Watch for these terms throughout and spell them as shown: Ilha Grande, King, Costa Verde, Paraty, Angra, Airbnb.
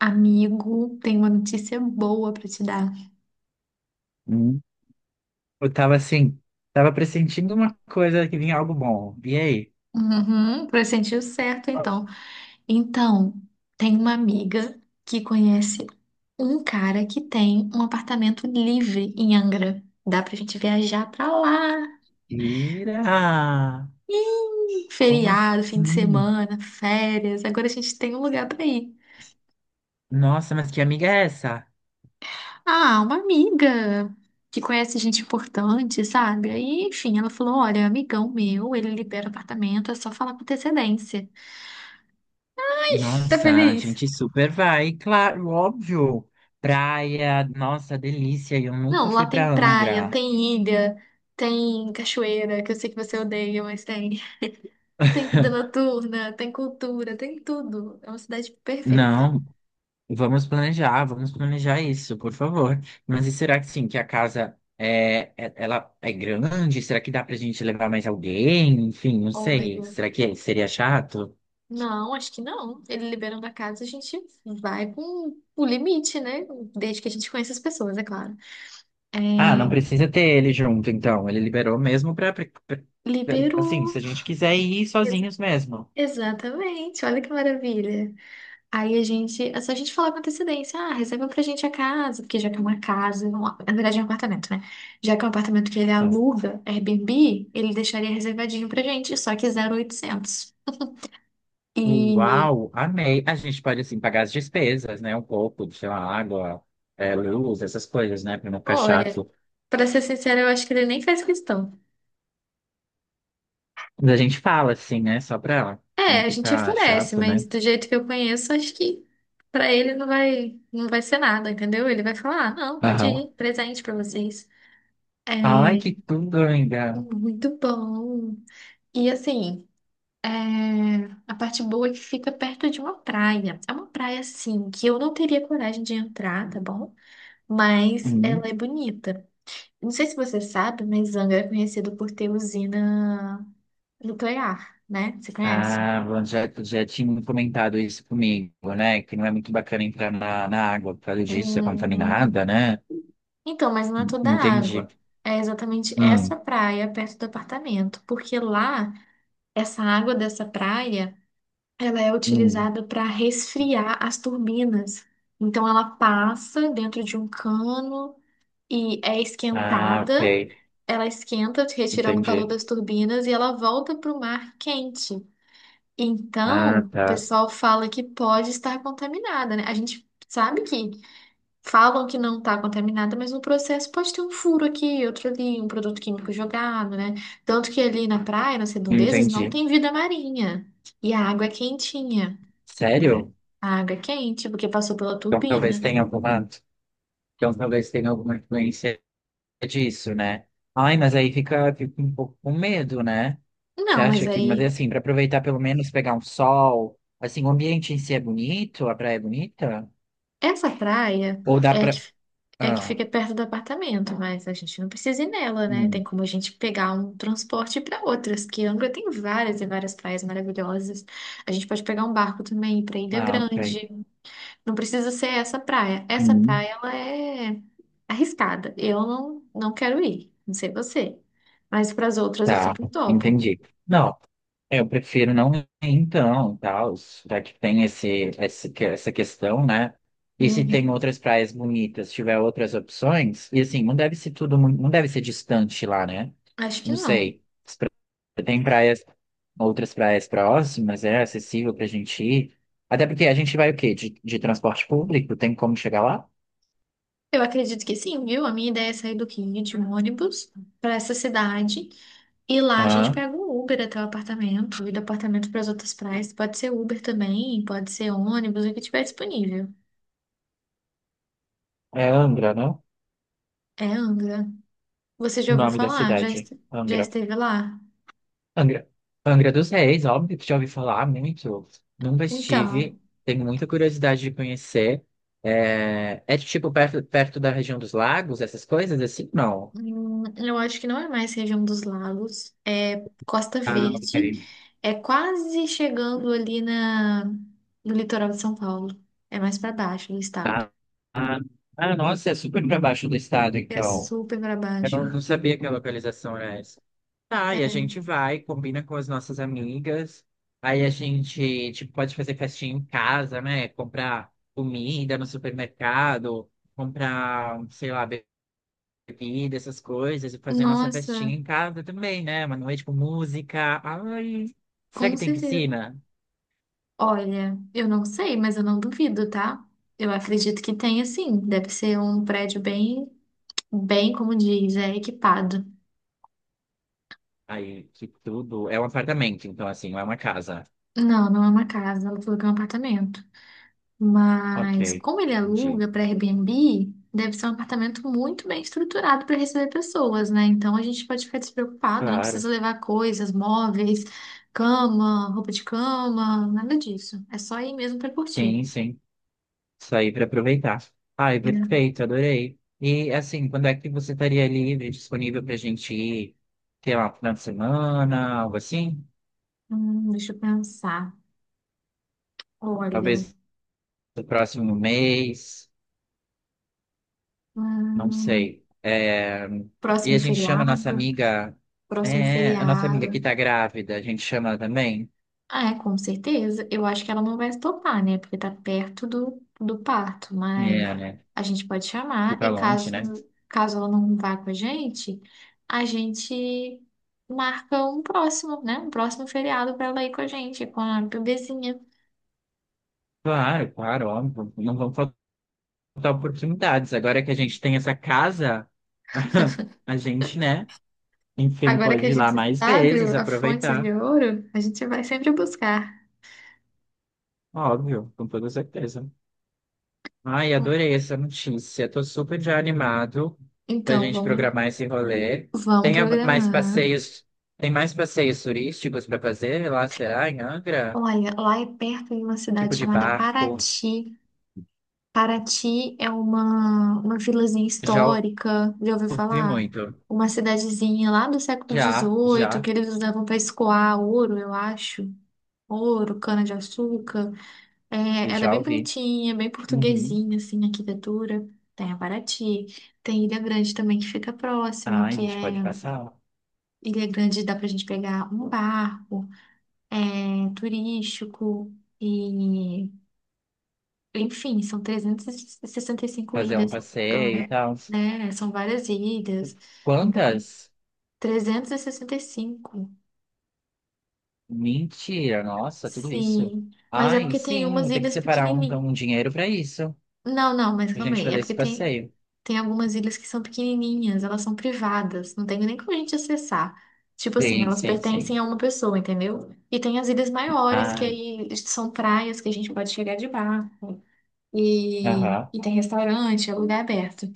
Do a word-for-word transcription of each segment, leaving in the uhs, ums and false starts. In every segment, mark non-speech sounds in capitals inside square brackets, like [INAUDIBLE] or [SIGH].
Amigo, tenho uma notícia boa pra te dar. Hum. Eu tava assim, tava pressentindo uma coisa que vinha algo bom. E aí? Uhum, pressentiu certo, então. Então, tem uma amiga que conhece um cara que tem um apartamento livre em Angra. Dá pra gente viajar pra lá. Ira! Como Feriado, fim de assim? semana, férias. Agora a gente tem um lugar pra ir. Nossa, mas que amiga é essa? Ah, uma amiga que conhece gente importante, sabe? Aí, enfim, ela falou: Olha, amigão meu, ele libera apartamento, é só falar com antecedência. Tá Nossa, a feliz? gente super vai, claro, óbvio. Praia, nossa, delícia. Eu Não, nunca lá fui pra tem praia, Angra. tem ilha, tem cachoeira, que eu sei que você odeia, mas tem. [LAUGHS] Tem vida noturna, tem cultura, tem tudo. É uma cidade perfeita. Não, vamos planejar, vamos planejar isso, por favor. Mas e será que sim, que a casa é, é- ela é grande? Será que dá pra gente levar mais alguém? Enfim, não sei. Olha, Será que seria chato? não, acho que não. Ele liberando a casa, a gente vai com o limite, né? Desde que a gente conheça as pessoas, é claro. Ah, não precisa ter ele junto, então. Ele liberou mesmo pra, pra- pra- assim, se a Liberou. gente quiser ir Ex- sozinhos mesmo. exatamente, olha que maravilha. Aí a gente, é só a gente falar com antecedência, ah, reserva pra gente a casa, porque já que é uma casa, um- na verdade é um apartamento, né? Já que é um apartamento que ele Ah, aluga, Airbnb, ele deixaria reservadinho pra gente, só que zero mil e oitocentos. E, uau, amei. A gente pode, assim, pagar as despesas, né? Um pouco, sei lá, água, é, luz, essas coisas, né? Pra não ficar olha, chato. pra ser sincera, eu acho que ele nem faz questão. Mas a gente fala, assim, né? Só pra É, não a gente ficar oferece, chato, mas né? do jeito que eu conheço, acho que pra ele não vai, não vai ser nada, entendeu? Ele vai falar, ah, não, pode Aham. ir, presente pra vocês. É Ai, que tudo, amiga. muito bom. E assim. É, a parte boa é que fica perto de uma praia. É uma praia, assim, que eu não teria coragem de entrar, tá bom? Mas ela Uhum. é bonita. Não sei se você sabe, mas Angra é conhecido por ter usina nuclear, né? Você conhece? Ah, bom, já, já tinha comentado isso comigo, né? Que não é muito bacana entrar na, na água por causa disso, é Uhum. contaminada, né? Então, mas não é toda a Entendi. água. É exatamente essa Hum, praia perto do apartamento. Porque lá, essa água dessa praia. Ela é hum. utilizada para resfriar as turbinas. Então, ela passa dentro de um cano e é Ah, esquentada. ok. Ela esquenta, retirando o calor Entendi. das turbinas, e ela volta para o mar quente. Então, Ah, o tá. pessoal fala que pode estar contaminada, né? A gente sabe que falam que não está contaminada, mas no processo pode ter um furo aqui, outro ali, um produto químico jogado, né? Tanto que ali na praia, nas redondezas, não Entendi. tem vida marinha. E a água é quentinha, né? Sério? A água quente, porque passou pela Então talvez turbina. tenha alguma, então talvez tenha alguma influência disso, né? Ai, mas aí fica, fica um pouco com medo, né? Você Não, mas acha que, mas é aí, assim, para aproveitar pelo menos pegar um sol, assim, o ambiente em si é bonito, a praia é bonita? essa praia Ou dá é a pra. que, é a que Ah, fica perto do apartamento, mas a gente não precisa ir nela, né? Tem hum, como a gente pegar um transporte para outras, que Angra tem várias e várias praias maravilhosas. A gente pode pegar um barco também para Ilha ah, ok. Grande. Não precisa ser essa praia. Essa Hum, praia, ela é arriscada. Eu não, não quero ir, não sei você. Mas para as outras eu tá, super topo. entendi. Não, eu prefiro não ir então, tal, já que tem esse, esse, que- essa questão, né? E se tem Uhum. outras praias bonitas, tiver outras opções, e assim, não deve ser tudo, mu- não deve ser distante lá, né? Acho que Não não. sei. Tem praias, outras praias próximas, é acessível pra gente ir. Até porque a gente vai o quê? De, de transporte público? Tem como chegar lá? Eu acredito que sim, viu? A minha ideia é sair do King de um ônibus para essa cidade e lá a gente Ah, pega um Uber até o apartamento e do apartamento para as outras praias. Pode ser Uber também, pode ser ônibus, o que tiver disponível. é Angra, né? É Angra. Você já O ouviu nome da falar? Já, cidade. est- já Angra. esteve lá? Angra. Angra dos Reis, óbvio que já ouvi falar muito. Nunca Então, estive. Tenho muita curiosidade de conhecer. É, é tipo perto, perto da região dos lagos, essas coisas assim? Não. hum, eu acho que não é mais região dos lagos, é Costa Ah, Verde, ok. é quase chegando ali na, no litoral de São Paulo. É mais para baixo do estado. Ah, ah, ah, nossa, é super pra baixo do estado, É então. super para Eu baixo. não, não sabia que a localização era essa. Tá, e a É, gente vai, combina com as nossas amigas. Aí a gente, tipo, pode fazer festinha em casa, né? Comprar comida no supermercado, comprar, sei lá, bebida, essas coisas, e fazer nossa festinha nossa, em casa também, né? Uma noite com música. Ai, será com que tem certeza. piscina? Olha, eu não sei, mas eu não duvido, tá? Eu acredito que tenha sim. Deve ser um prédio bem, bem, como diz, é equipado. Aí, que tudo. É um apartamento, então, assim, não é uma casa. Não, não é uma casa, ela falou que é um apartamento. Ok, Mas como ele aluga entendi. para Airbnb, deve ser um apartamento muito bem estruturado para receber pessoas, né? Então a gente pode ficar despreocupado, não Claro. precisa levar coisas, móveis, cama, roupa de cama, nada disso. É só ir mesmo para curtir. Tem, sim. Isso aí para aproveitar. Ai, É. perfeito, adorei. E assim, quando é que você estaria livre, disponível para a gente ir, sei lá, final de semana, algo assim? Hum, deixa eu pensar. Olha, Talvez no próximo mês, não hum, sei. É, e próximo a gente chama a nossa feriado, amiga, próximo é, a nossa amiga feriado. que tá grávida, a gente chama ela também. Ah, é, com certeza. Eu acho que ela não vai se topar, né? Porque tá perto do, do parto, mas É, né? a gente pode Ir chamar pra e longe, caso, né? caso ela não vá com a gente, a gente marca um próximo, né? Um próximo feriado pra ela ir com a gente, com a bebezinha. Claro, claro, óbvio. Não vão faltar oportunidades. Agora que a gente tem essa casa, [LAUGHS] a gente, né? Enfim, Agora que a pode ir lá gente mais sabe vezes, a fonte de aproveitar. ouro, a gente vai sempre buscar. Óbvio, com toda certeza. Ai, adorei essa notícia. Tô super já animado pra Então, gente vamos, programar esse rolê. vamos Tem a- mais programar. passeios, tem mais passeios turísticos para fazer lá, será? Em Angra? Olha, lá é perto de uma cidade Tipo de chamada barco? Paraty. Paraty é uma, uma vilazinha Já histórica, já ouviu ouvi falar? muito. Uma cidadezinha lá do século Já, dezoito, já, que eles usavam para escoar ouro, eu acho. Ouro, cana-de-açúcar. É, ela é já bem ouvi. bonitinha, bem Uhum. portuguesinha, assim, a arquitetura. Tem a Paraty. Tem Ilha Grande também, que fica próximo, Ai, a que gente é... pode passar, Ilha Grande dá pra gente pegar um barco, é turístico... E enfim, são e e sessenta e cinco fazer um ilhas. passeio e tal. É, né? São várias ilhas. Muita... coisa. Quantas? Trezentas e sessenta e cinco. Mentira, nossa, tudo isso. Sim. Mas é Ai, porque tem sim, umas tem que ilhas separar um, pequenininhas. então, um dinheiro para isso. Não, não, mas A calma gente aí. É fazer esse porque tem, passeio. tem algumas ilhas que são pequenininhas, elas são privadas, não tem nem como a gente acessar. Tipo assim, Sim, elas sim, pertencem a sim. uma pessoa, entendeu? E tem as ilhas maiores, que Ai, aí são praias que a gente pode chegar de barco. E, aham. e tem restaurante, é lugar aberto.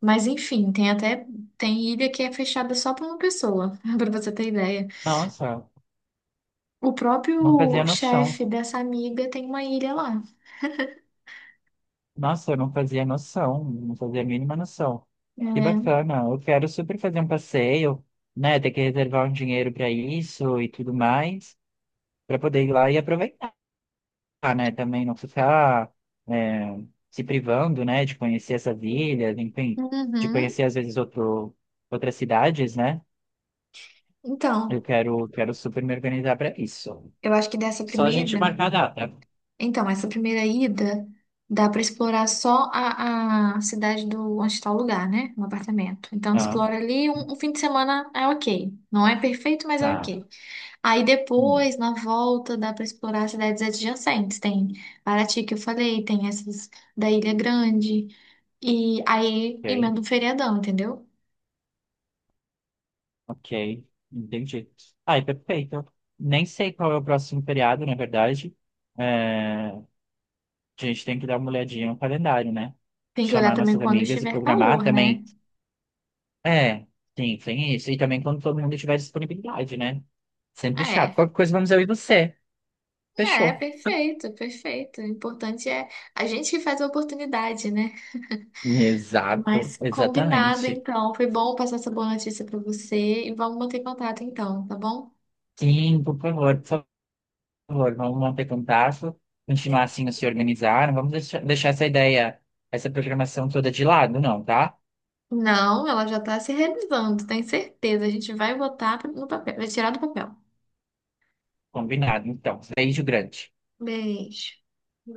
Mas enfim, tem até tem ilha que é fechada só para uma pessoa, [LAUGHS] para você ter ideia. Nossa, O não fazia próprio noção. chefe dessa amiga tem uma ilha lá. Nossa, eu não fazia noção, não fazia a mínima noção. Que É. bacana, eu quero super fazer um passeio, né? Ter que reservar um dinheiro para isso e tudo mais, para poder ir lá e aproveitar. Né? Também não ficar é, se privando, né? De conhecer essas ilhas, enfim, de Uhum. conhecer às vezes outro, outras cidades, né? Eu Então, quero, quero super me organizar para isso. eu acho que dessa Só a primeira, gente marcar a data. então essa primeira ida dá para explorar só a, a cidade do onde está o lugar, né? Um apartamento. Então Ah, explora ali um, um fim de semana é ok. Não é perfeito, mas é tá. ok. Aí Hum. depois, na volta, dá para explorar as cidades adjacentes. Tem Paraty, que eu falei, tem essas da Ilha Grande. E aí Ok, emenda um feriadão, entendeu? ok. Entendi. Ai, perfeito. Nem sei qual é o próximo feriado, na verdade. É, a gente tem que dar uma olhadinha no calendário, né? Tem que olhar Chamar também nossas quando amigas e estiver programar calor, né? também. É, sim, tem isso. E também quando todo mundo tiver disponibilidade, né? Sempre chato. É, Qualquer coisa, vamos eu e você. é, Fechou. perfeito, perfeito. O importante é a gente que faz a oportunidade, né? Exato, Mas combinado, exatamente. então. Foi bom passar essa boa notícia para você e vamos manter contato, então, tá bom? Sim, por favor, por favor, vamos manter contato, continuar assim a se organizar. Não vamos deixar, deixar essa ideia, essa programação toda de lado, não, tá? Não, ela já tá se realizando, tenho certeza. A gente vai botar no papel, vai tirar do papel. Combinado, então. Beijo grande. Beijo.